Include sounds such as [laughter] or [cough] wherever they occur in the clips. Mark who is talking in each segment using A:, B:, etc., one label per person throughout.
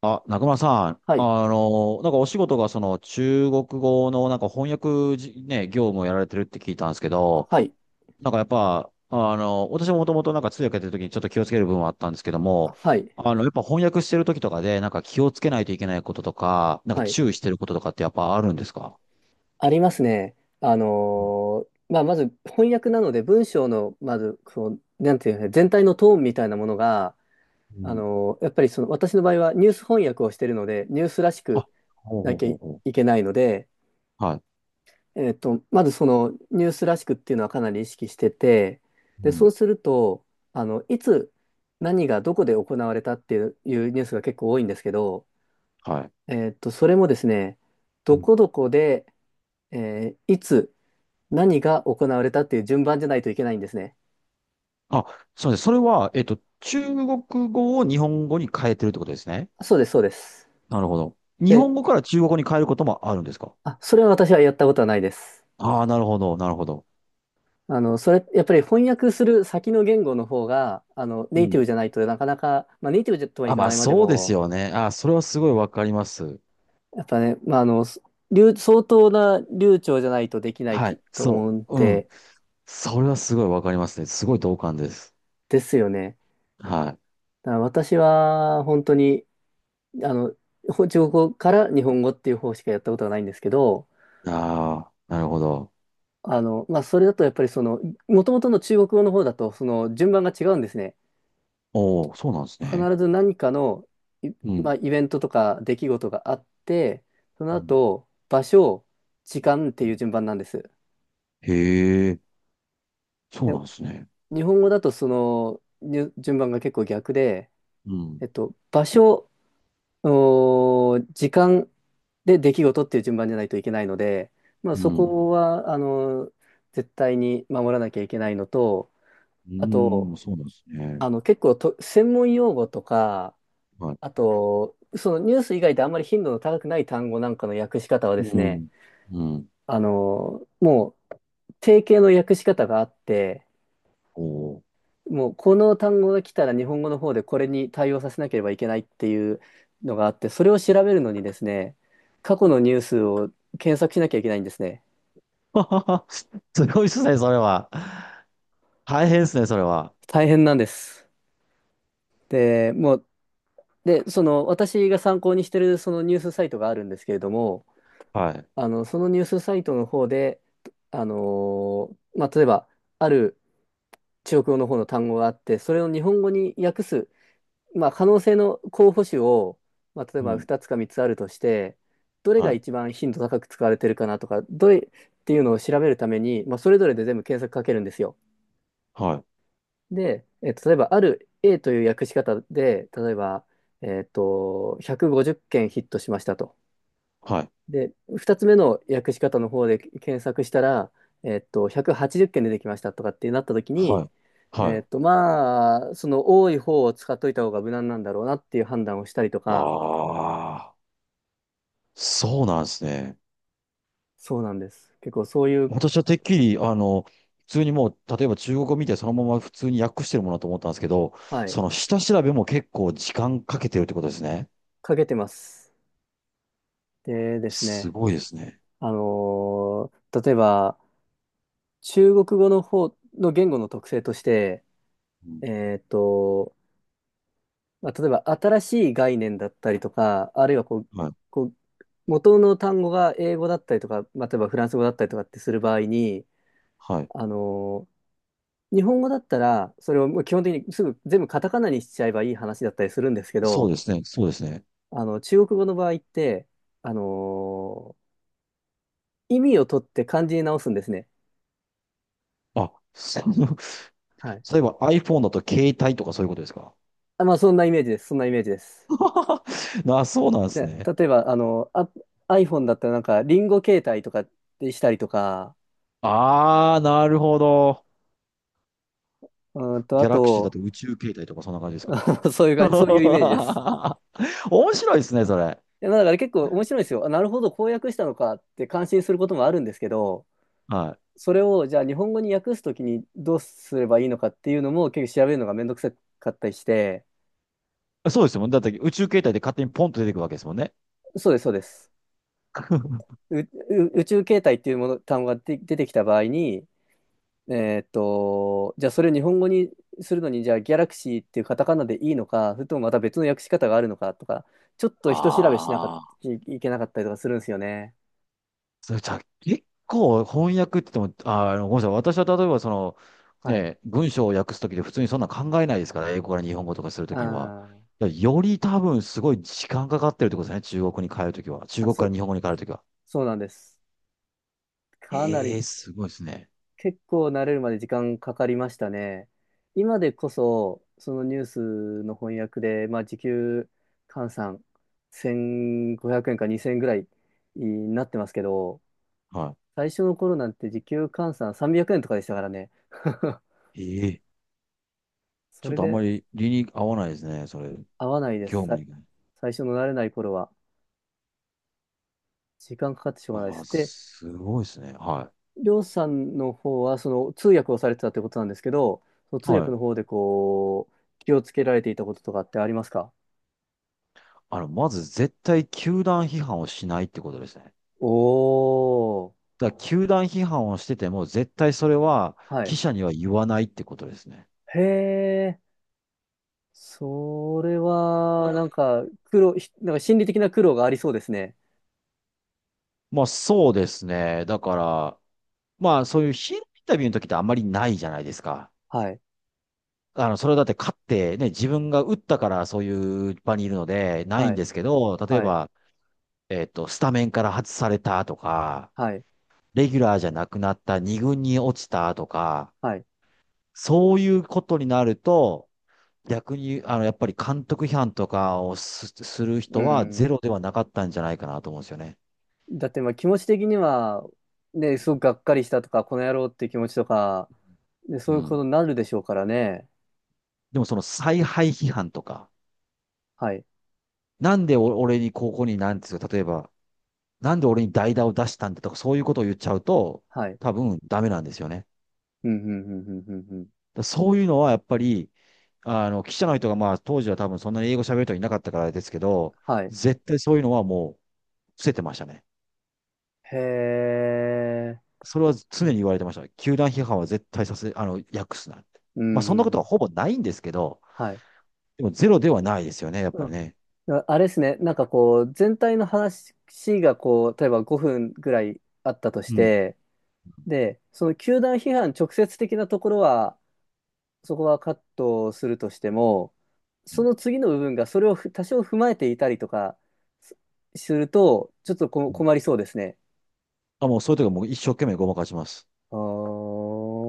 A: あ、中村さん、
B: はい。
A: お仕事がその中国語の翻訳じ、ね、業務をやられてるって聞いたんですけど、
B: はい。
A: なんかやっぱ、私ももともとなんか通訳やってる時にちょっと気をつける部分はあったんですけども、
B: はい。
A: やっぱ翻訳してる時とかでなんか気をつけないといけないこととか、なんか
B: はい。
A: 注意してることとかってやっぱあるんですか？
B: ありますね。まず翻訳なので文章の、まず、こう、なんていうのかな全体のトーンみたいなものが、
A: う
B: あ
A: ん。
B: のーやっぱりその、私の場合はニュース翻訳をしているので、ニュースらし
A: あ、
B: く
A: ほう
B: な
A: ほう
B: きゃ
A: ほうほ
B: いけないので、
A: う。はい。
B: まずそのニュースらしくっていうのはかなり意識してて、
A: う
B: で、そう
A: ん。
B: すると、いつ何がどこで行われたっていうニュースが結構多いんですけど、
A: はい。
B: それもですね、
A: う
B: ど
A: ん。
B: こどこで、いつ、何が行われたっていう順番じゃないといけないんですね。
A: あ、そうです。それは、中国語を日本語に変えてるってことですね。
B: そうです、そうです。
A: なるほど。日
B: で、
A: 本語から中国語に変えることもあるんですか？
B: あ、それは私はやったことはないです。
A: ああー、なるほど、なるほど。
B: やっぱり翻訳する先の言語の方が、
A: う
B: ネイティブ
A: ん。
B: じゃないとなかなか、まあ、ネイティブとはい
A: あ、
B: か
A: まあ
B: ないまで
A: そうです
B: も、
A: よね。あ、それはすごいわかります。
B: やっぱね、相当な流暢じゃないとできない
A: は
B: き
A: い。
B: と思
A: そ
B: うん
A: う。うん。
B: で、
A: それはすごいわかりますね。すごい同感です。
B: ですよね。
A: は
B: だから私は、本当に、あの、中国語から日本語っていう方しかやったことはないんですけど、
A: い。ああ、なるほど。
B: まあ、それだとやっぱりその、もともとの中国語の方だと、その順番が違うんですね。
A: おお、そうなんですね。
B: 必ず何かの、い
A: う
B: ま
A: ん。
B: あ、イベントとか出来事があって、その
A: うん
B: 後、場所、時間って
A: う
B: いう
A: ん。
B: 順番なんです。
A: へえ、そう
B: で、
A: なんですね。
B: 日本語だと順番が結構逆で、
A: うん。
B: 場所、時間で出来事っていう順番じゃないといけないので、まあ、
A: う
B: そ
A: ん。
B: こは、絶対に守らなきゃいけないのと、
A: う
B: あ
A: ーん、
B: と、
A: そうなんですね。
B: 結構と、専門用語とか、
A: はい。
B: あと、そのニュース以外であんまり頻度の高くない単語なんかの訳し方はです
A: う
B: ね、
A: ん。うん。
B: あの、もう、定型の訳し方があって、
A: おお。
B: もう、この単語が来たら日本語の方でこれに対応させなければいけないっていうのがあって、それを調べるのにですね、過去のニュースを検索しなきゃいけないんですね。
A: [laughs] すごいですね、それは。大変ですね、それは。
B: 大変なんです。で、もう、で、その、私が参考にしてるそのニュースサイトがあるんですけれども、
A: はい。
B: そのニュースサイトの方で、あのまあ、例えば、ある中国語の方の単語があって、それを日本語に訳す、まあ、可能性の候補種を、まあ、例え
A: う
B: ば
A: ん。
B: 2つか3つあるとして、どれ
A: は
B: が
A: い。
B: 一番頻度高く使われてるかなとか、どれっていうのを調べるために、まあ、それぞれで全部検索かけるんですよ。
A: はい。
B: で、えっと、例えば、ある A という訳し方で、例えば、150件ヒットしましたと。
A: はい。
B: で、2つ目の訳し方の方で検索したら、180件出てきましたとかってなった時
A: は
B: に、
A: い。はい。
B: まあ、その多い方を使っといた方が無難なんだろうなっていう判断をしたりとか、
A: ああ、そうなんですね。
B: そうなんです。結構そういう、
A: 私はてっきり、普通にもう、例えば中国語見てそのまま普通に訳してるものだと思ったんですけど、
B: はい、
A: その下調べも結構時間かけてるってことですね。
B: かけてます。でです
A: す
B: ね、
A: ごいですね。
B: あのー例えば、中国語の方の言語の特性として、
A: うん。
B: えっと、まあ、例えば新しい概念だったりとか、あるいはこう、
A: はい。
B: こう元の単語が英語だったりとか、まあ、例えばフランス語だったりとかってする場合に、
A: はい。
B: あの日本語だったら、それをもう基本的にすぐ全部カタカナにしちゃえばいい話だったりするんですけ
A: そう
B: ど、
A: ですね。そうですね。
B: 中国語の場合って、あの意味を取って漢字に直すんですね。
A: あ、その、[laughs]
B: はい。
A: 例えば iPhone だと携帯とかそういうことですか？
B: あ、まあ、そんなイメージです。そんなイメージです。
A: あ [laughs]、そうなんです
B: で、
A: ね。
B: 例えば、iPhone だったらなんか、リンゴ携帯とかでしたりとか、
A: ああ、なるほど。
B: うーんと、あ
A: ギャラクシーだ
B: と、
A: と宇宙形態とかそんな感じですか？
B: [laughs] そういう感じ、そういうイメージです。
A: [laughs] 面白いですね、それ。
B: いやだから結構面白いんですよ。あ、なるほど、こう訳したのかって感心することもあるんですけど、
A: は
B: それをじゃあ日本語に訳すときにどうすればいいのかっていうのも結構調べるのがめんどくさかったりして、
A: い。そうですよ。だって宇宙形態で勝手にポンと出てくるわけですもんね。
B: そうです、そうです。
A: [laughs]
B: う、う宇宙形態っていうもの、単語が出てきた場合に、えーっと、じゃあそれを日本語にするのに、じゃあギャラクシーっていうカタカナでいいのか、それともまた別の訳し方があるのかとか、ちょっと人調べしなかっ
A: ああ。
B: いいけなかったりとかするんですよね。
A: それじゃあ、結構翻訳って言っても、あー、あのごめんなさい。私は例えばその、
B: はい。
A: ね、文章を訳すときで普通にそんな考えないですから、英語から日本語とかすると
B: あ
A: きには。
B: ー
A: だからより多分すごい時間かかってるってことですね。中国に帰るときは。中
B: まあ、
A: 国から日本語に帰るときは。
B: そうなんです。かな
A: え
B: り、
A: えー、すごいですね。
B: 結構慣れるまで時間かかりましたね。今でこそ、そのニュースの翻訳で、まあ、時給換算1500円か2000円ぐらいになってますけど、
A: は
B: 最初の頃なんて時給換算300円とかでしたからね。[laughs]
A: い。ええ、
B: そ
A: ちょっ
B: れ
A: とあんま
B: で
A: り理に合わないですね、それ。
B: 合わないで
A: 業
B: す。
A: 務に。
B: 最初の慣れない頃は、時間かかってしょうがないで
A: ああ、
B: す。で
A: すごいですね。は
B: りょうさんの方は、その通訳をされてたってことなんですけど、その
A: い。
B: 通
A: は
B: 訳
A: い。
B: の方で気をつけられていたこととかってありますか？
A: まず絶対球団批判をしないってことですね。
B: おー、
A: だから球団批判をしてても、絶対それは
B: はい。
A: 記者には言わないってことですね。
B: へえ、それは、なんか、苦労、ひなんか心理的な苦労がありそうですね。
A: まあそうですね。だから、まあそういうヒーローインタビューの時ってあんまりないじゃないですか。
B: はい、
A: それはだって勝ってね、自分が打ったからそういう場にいるので、ない
B: は
A: ん
B: い、
A: ですけど、例え
B: はい、
A: ば、スタメンから外されたとか、
B: はい、
A: レギュラーじゃなくなった二軍に落ちたとか、
B: はい。
A: そういうことになると、逆に、やっぱり監督批判とかをする
B: う
A: 人はゼ
B: ん。
A: ロではなかったんじゃないかなと思うんですよね。
B: だって、まあ気持ち的には、ね、すごくがっかりしたとか、この野郎っていう気持ちとか、で、そういう
A: う
B: こ
A: ん。
B: とになるでしょうからね。
A: でもその采配批判とか、
B: はい、
A: なんでお俺にここになんですよ、例えば、なんで俺に代打を出したんだとか、そういうことを言っちゃうと、
B: はい。
A: 多分ダメなんですよね。だか
B: うん、うん、うん、うん、うん、うん。
A: らそういうのはやっぱり、記者の人がまあ当時は多分そんなに英語喋る人いなかったからですけど、
B: はい。
A: 絶対そういうのはもう伏せてましたね。
B: へえ。
A: それは
B: う
A: 常に
B: ん。
A: 言われてました。球団批判は絶対訳すなって。
B: う
A: まあ、
B: ん
A: そんなこ
B: う
A: とは
B: ん。
A: ほぼないんですけど、
B: はい。
A: でもゼロではないですよね、やっ
B: う
A: ぱり
B: ん。
A: ね。
B: あ、あれですね。なんかこう、全体の話がこう、例えば5分ぐらいあったとし
A: うん。
B: て、で、その球団批判直接的なところは、そこはカットするとしても、
A: う
B: そ
A: ん
B: の次の部分がそれを多少踏まえていたりとかすすると、ちょっと
A: うん。
B: 困りそうですね。
A: あ、もうそういう時はもう一生懸命ごまかします。
B: あ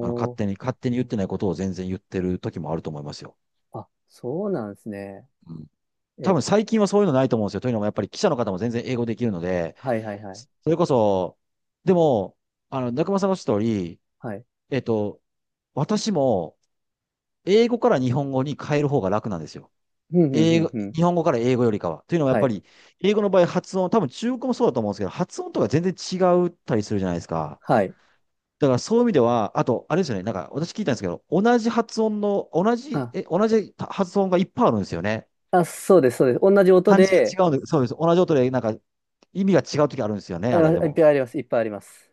A: あの、勝手に言ってないことを全然言ってる時もあると思いますよ。
B: あ、そうなんですね。
A: うん。多
B: え、
A: 分最近はそういうのないと思うんですよ。というのもやっぱり記者の方も全然英語できるので、
B: はいはいはい。
A: それこそ、でも、中間さんがおっしゃった通り、
B: はい。
A: えっと、私も英語から日本語に変える方が楽なんですよ。
B: ふんふんふ
A: 英
B: ん
A: 語、
B: ふん。
A: 日本語から英語よりかは。というのはやっ
B: は
A: ぱ
B: い。
A: り、英語の場合発音、多分中国語もそうだと思うんですけど、発音とか全然違ったりするじゃないですか。
B: はい。
A: だからそういう意味では、あと、あれですよね、なんか私聞いたんですけど、
B: あ、
A: 同じ発音がいっぱいあるんですよね。
B: あ、そうです、そうです。同じ音
A: 漢字が
B: で、
A: 違うんで、そうです。同じ音で、なんか意味が違う時あるんですよね、
B: あ
A: あ
B: りま
A: れ
B: すい
A: で
B: っぱ
A: も。
B: いあります。いっぱいあります。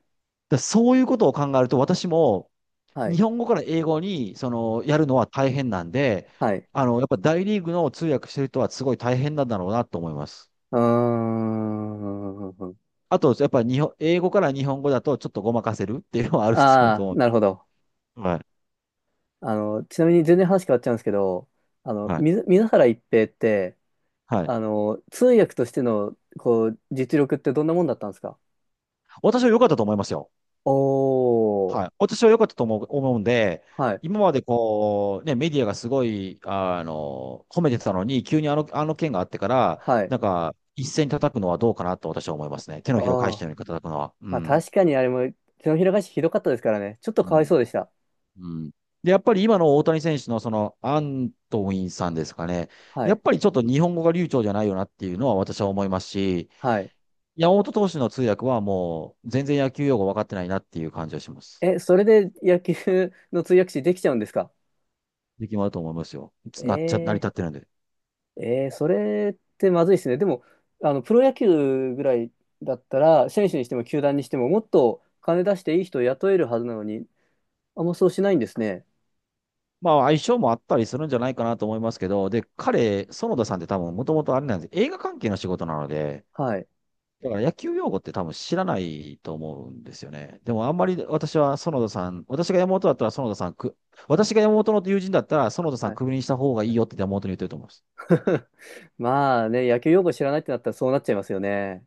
A: だからそういうことを考えると、私も
B: はい。
A: 日本語から英語に、その、やるのは大変なんで、
B: はい。
A: やっぱ大リーグの通訳してる人はすごい大変なんだろうなと思います。
B: うーん。
A: あと、やっぱり日本、英語から日本語だとちょっとごまかせるっていうのはあると
B: ああ、
A: 思
B: なるほど。
A: う。はい。
B: あの、ちなみに全然話変わっちゃうんですけど、あの、
A: はい。
B: 水、水原一平って、
A: はい。
B: あの、通訳としての、こう、実力ってどんなもんだったんですか？
A: 私は良かったと思いますよ。
B: お
A: はい。
B: ー。
A: 私は良かったと思う、思うんで、
B: はい。
A: 今までこう、ね、メディアがすごい、あの、褒めてたのに、急にあの件があってから、
B: はい。
A: なんか、一斉に叩くのはどうかなと私は思いますね。手
B: あ
A: のひらを返し
B: あ。
A: たように叩くのは。う
B: まあ
A: ん。
B: 確かにあれも、手のひら返しひどかったですからね。ちょっと
A: う
B: かわいそ
A: ん。
B: うでした。
A: うん。で、やっぱり今の大谷選手のその、アントウィンさんですかね。
B: は
A: やっ
B: い。
A: ぱりちょっと日本語が流暢じゃないよなっていうのは私は思いますし、
B: はい。
A: 山本投手の通訳はもう全然野球用語分かってないなっていう感じはします。
B: え、それで野球の通訳士できちゃうんですか？
A: 力もあると思いますよ。つなっちゃ、成り
B: え
A: 立ってるんで。
B: ー、えーそれってまずいですね。でも、あの、プロ野球ぐらいだったら、選手にしても球団にしても、もっと金出していい人を雇えるはずなのに、あんまそうしないんですね。
A: まあ相性もあったりするんじゃないかなと思いますけど、で、彼、園田さんって多分もともとあれなんです。映画関係の仕事なので、
B: はい。
A: だから野球用語って多分知らないと思うんですよね。でもあんまり私は園田さん、私が山本の友人だったら園田さん
B: はい。
A: クビにした方がいいよって山本に言ってると思います。
B: [laughs] まあね、野球用語知らないってなったらそうなっちゃいますよね。